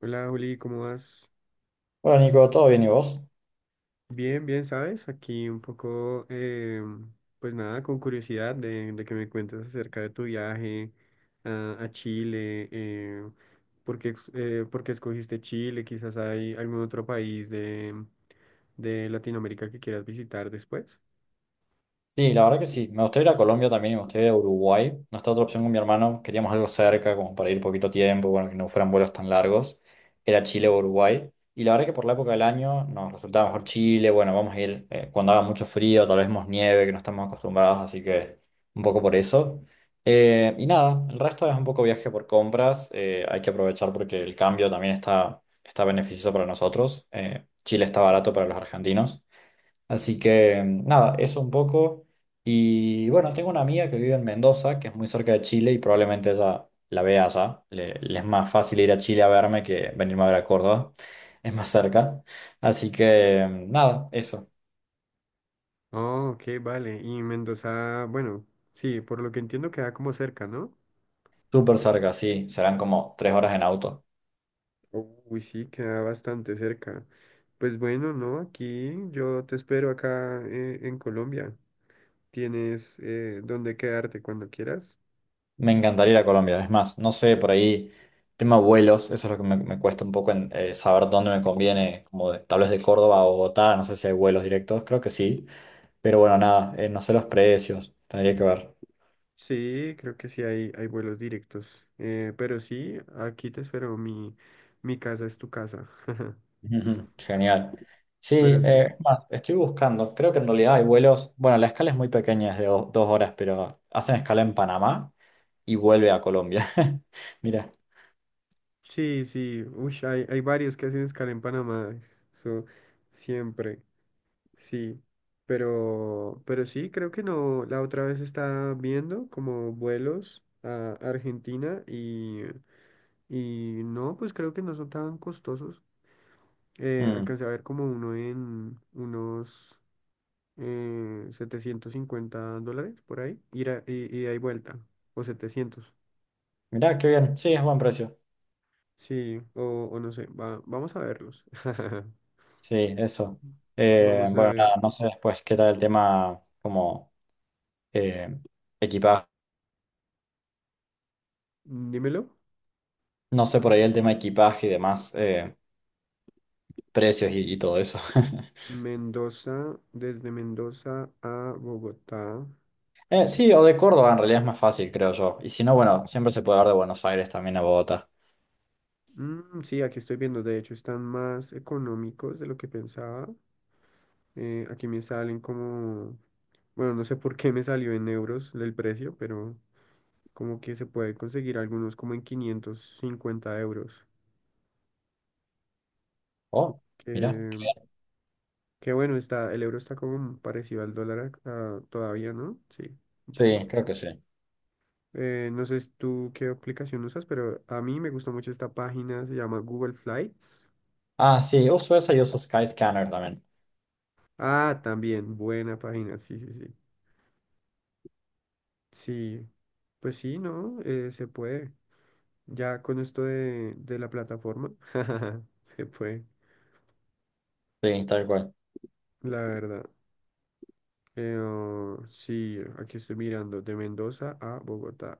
Hola Juli, ¿cómo vas? Hola Nico, ¿todo bien y vos? Bien, bien, ¿sabes? Aquí un poco, pues nada, con curiosidad de que me cuentes acerca de tu viaje a Chile, por qué, por qué escogiste Chile, quizás hay algún otro país de Latinoamérica que quieras visitar después. Sí, la verdad que sí. Me gustaría ir a Colombia también y me gustaría ir a Uruguay. No está otra opción con mi hermano. Queríamos algo cerca, como para ir poquito tiempo, bueno, que no fueran vuelos tan largos. Era Chile o Uruguay. Y la verdad que por la época del año nos resultaba mejor Chile. Bueno, vamos a ir cuando haga mucho frío, tal vez más nieve, que no estamos acostumbrados, así que un poco por eso. Y nada, el resto es un poco viaje por compras. Hay que aprovechar porque el cambio también está beneficioso para nosotros. Chile está barato para los argentinos. Así que nada, eso un poco. Y bueno, tengo una amiga que vive en Mendoza, que es muy cerca de Chile y probablemente ella la vea allá. Le es más fácil ir a Chile a verme que venirme a ver a Córdoba. Es más cerca. Así que nada, eso. Oh, ok, vale, y Mendoza, bueno, sí, por lo que entiendo queda como cerca, ¿no? Súper cerca, sí. Serán como 3 horas en auto. Uy, sí, queda bastante cerca. Pues bueno, no, aquí yo te espero acá en Colombia. Tienes dónde quedarte cuando quieras. Me encantaría ir a Colombia. Es más, no sé, por ahí, tema vuelos, eso es lo que me cuesta un poco en, saber dónde me conviene, como tal vez de Córdoba a Bogotá, no sé si hay vuelos directos, creo que sí. Pero bueno, nada, no sé los precios, tendría que ver. Sí, creo que sí hay vuelos directos. Pero sí, aquí te espero. Mi casa es tu casa. Ujú, genial. Sí, Pero sí. Es más, estoy buscando, creo que en realidad hay vuelos, bueno, la escala es muy pequeña, es de 2 horas, pero hacen escala en Panamá y vuelve a Colombia. Mira, Sí, sí. Uy, hay varios que hacen escala en Panamá. Eso siempre. Sí, pero sí, creo que no. La otra vez estaba viendo como vuelos a Argentina y no, pues creo que no son tan costosos. Mm, Alcancé a ver como uno en unos $750 por ahí, ida y ahí vuelta, o 700. mira, qué bien, sí, es buen precio. Sí, o no sé, vamos a verlos. Sí, eso. Vamos a Bueno, ver, nada, no sé después qué tal el tema como eh, equipaje, dímelo. no sé por ahí el tema equipaje y demás, precios y todo eso. Mendoza, desde Mendoza a Bogotá. Sí, o de Córdoba en realidad es más fácil, creo yo. Y si no, bueno, siempre se puede dar de Buenos Aires también a Bogotá. Mm, sí, aquí estoy viendo, de hecho están más económicos de lo que pensaba. Aquí me salen como, bueno, no sé por qué me salió en euros el precio, pero como que se puede conseguir algunos como en 550 euros. Oh, mira. Que, que bueno, está, el euro está como parecido al dólar ah, todavía, ¿no? Sí, un Sí, poco. creo que sí. No sé tú qué aplicación usas, pero a mí me gusta mucho esta página, se llama Google Flights. Ah, sí, uso esa y uso Skyscanner también. Ah, también, buena página, sí, sí, sí. Sí, pues sí, ¿no? Se puede. Ya con esto de la plataforma, se puede, Sí, tal cual. la verdad. Oh, sí, aquí estoy mirando, de Mendoza a Bogotá.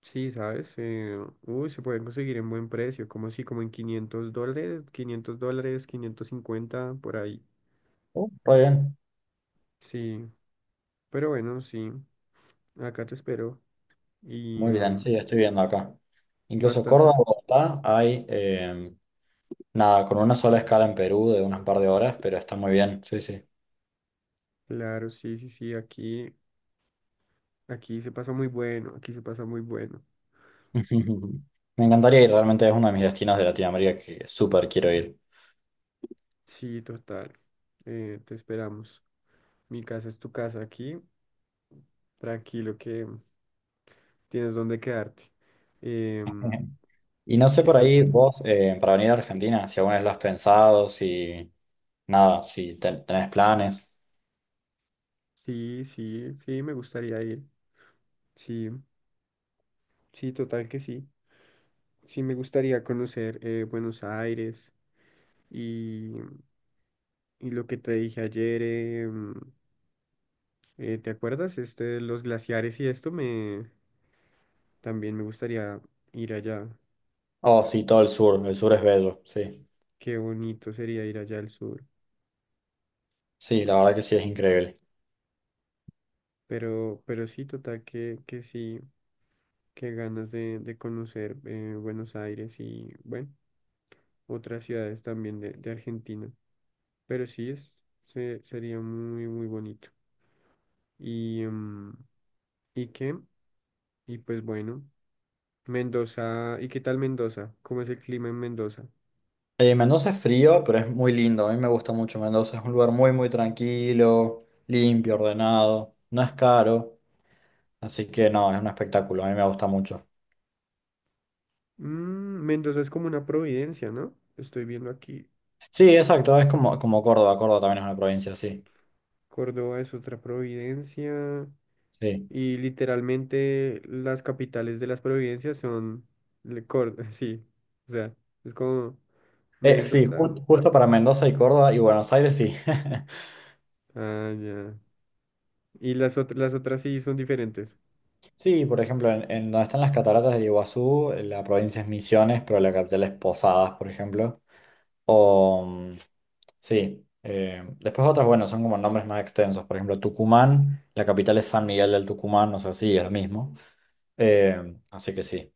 Sí, ¿sabes? Uy, se pueden conseguir en buen precio, como así, como en $500, $500, 550 por ahí. Oh, muy bien. Sí, pero bueno, sí, acá te espero. Y Muy bien, sí, estoy viendo acá. Incluso Córdoba, bastantes, Bogotá, hay nada, con una sola escala en Perú de unas par de horas, pero está muy bien. Sí, sí. claro, sí, sí, sí, aquí, aquí se pasa muy bueno, aquí se pasa muy bueno. Me encantaría ir, realmente es uno de mis destinos de Latinoamérica que súper quiero ir. Sí, total. Te esperamos. Mi casa es tu casa aquí. Tranquilo que tienes donde quedarte. Em, Y no sé sí, por ahí total. vos, para venir a Argentina, si alguna vez lo has pensado, si nada, si tenés planes. Sí, sí, sí, me gustaría ir. Sí, sí, total que sí. Sí, me gustaría conocer Buenos Aires y, y lo que te dije ayer. ¿Te acuerdas? Este, los glaciares y esto me también me gustaría ir allá. Oh, sí, todo el sur es bello, sí. Qué bonito sería ir allá al sur. Sí, la verdad que sí, es increíble. Pero sí, total, que sí, que ganas de conocer Buenos Aires y, bueno, otras ciudades también de Argentina. Pero sí, es, sería muy, muy bonito. Y, ¿y qué? Y pues bueno, Mendoza, ¿y qué tal Mendoza? ¿Cómo es el clima en Mendoza? Mendoza es frío, pero es muy lindo, a mí me gusta mucho Mendoza, es un lugar muy, muy tranquilo, limpio, ordenado, no es caro, así que no, es un espectáculo, a mí me gusta mucho. Mm, Mendoza es como una providencia, ¿no? Estoy viendo aquí, Sí, exacto, es como, como Córdoba, Córdoba también es una provincia, sí, Córdoba es otra providencia. sí. Y literalmente las capitales de las provincias son sí. O sea, es como Sí, Mendoza. Justo para Mendoza y Córdoba y Buenos Aires, sí. Ah, ya. Y las otras sí son diferentes. Sí, por ejemplo, en donde están las cataratas del Iguazú, la provincia es Misiones, pero la capital es Posadas, por ejemplo. O, mm, sí, después otras, bueno, son como nombres más extensos. Por ejemplo, Tucumán, la capital es San Miguel del Tucumán, o sea, sí, es lo mismo. Así que sí.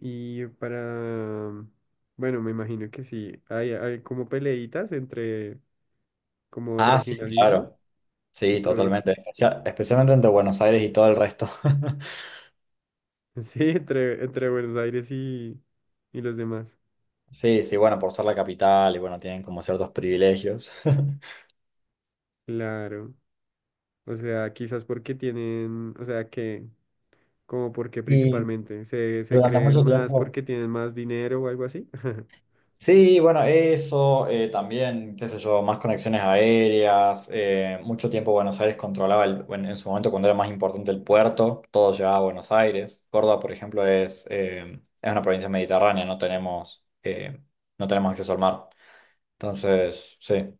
Y para, mm, bueno, me imagino que sí. Hay como peleitas entre como Ah, sí, regionalismo claro. y Sí, provi. totalmente. Especialmente entre Buenos Aires y todo el resto. Sí, entre Buenos Aires y los demás. Sí, sí, bueno, por ser la capital y bueno, tienen como ciertos privilegios. Claro. O sea, quizás porque tienen, o sea, que como porque Y principalmente se durante creen mucho más tiempo... porque tienen más dinero o algo así. Sí, bueno, eso, también, qué sé yo, más conexiones aéreas, mucho tiempo Buenos Aires controlaba, en su momento cuando era más importante el puerto, todo llegaba a Buenos Aires. Córdoba, por ejemplo, es una provincia mediterránea, no tenemos acceso al mar. Entonces, sí.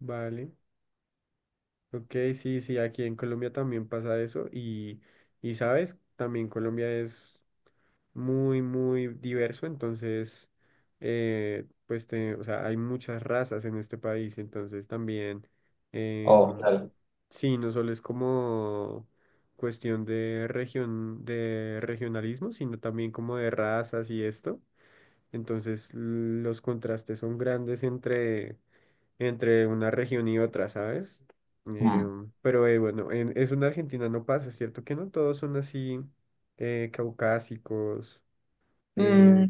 Vale. Ok, sí, sí, aquí en Colombia también pasa eso y sabes, también Colombia es muy, muy diverso, entonces, pues, o sea, hay muchas razas en este país, entonces también, Oh, em, claro. sí, no solo es como cuestión de región, de regionalismo, sino también como de razas y esto. Entonces los contrastes son grandes entre, entre una región y otra, ¿sabes? Mm. Pero bueno, en, eso en Argentina no pasa, ¿cierto? Que no todos son así caucásicos. Mm, Eh,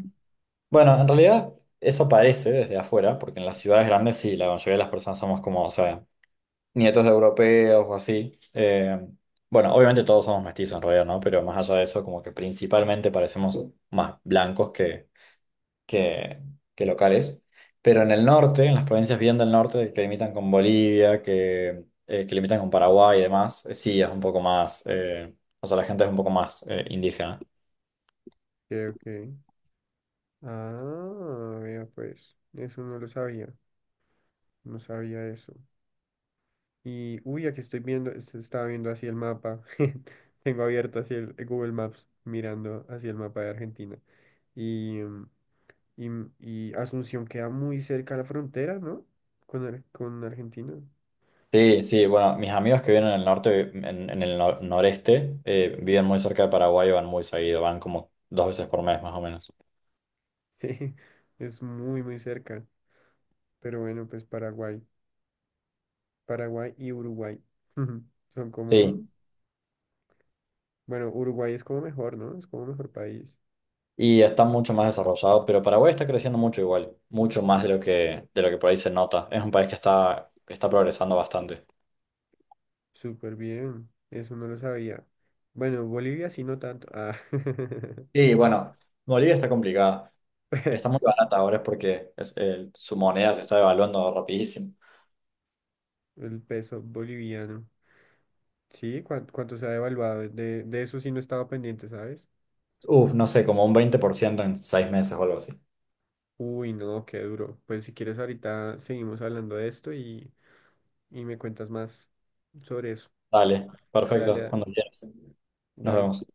bueno, en realidad eso parece desde afuera, porque en las ciudades grandes sí, la mayoría de las personas somos como, o sea, nietos de europeos o así. Bueno, obviamente todos somos mestizos en realidad, ¿no? Pero más allá de eso, como que principalmente parecemos más blancos que, que locales. Pero en el norte, en las provincias bien del norte, que limitan con Bolivia, que limitan con Paraguay y demás, sí es un poco más, o sea, la gente es un poco más indígena. ok, ok. Ah, vea pues, eso no lo sabía, no sabía eso. Y, uy, aquí estoy viendo, estaba viendo así el mapa, tengo abierto así el Google Maps, mirando hacia el mapa de Argentina. Y, Y, y Asunción queda muy cerca a la frontera, ¿no? Con, con Argentina. Sí, sí, bueno, mis amigos que viven en el norte, en el noreste, viven muy cerca de Paraguay y van muy seguido, van como 2 veces por mes más o menos. Jeje, es muy, muy cerca. Pero bueno, pues Paraguay. Paraguay y Uruguay. Son como Sí, mm, bueno, Uruguay es como mejor, ¿no? Es como mejor país. y está mucho más desarrollado, pero Paraguay está creciendo mucho igual, mucho más de lo de lo que por ahí se nota. Es un país que está progresando bastante. Súper bien. Eso no lo sabía. Bueno, Bolivia sí, no tanto. Ah. Y bueno, Bolivia está complicada. Está muy barata ahora es porque su moneda se está devaluando rapidísimo. El peso boliviano. Sí, cuánto se ha devaluado. De eso sí no estaba pendiente, ¿sabes? Uf, no sé, como un 20% en 6 meses o algo así. Uy, no, qué duro. Pues si quieres ahorita seguimos hablando de esto y me cuentas más sobre eso. Dale, Dale, perfecto, dale, cuando quieras. Nos dale. vemos.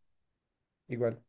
Igual.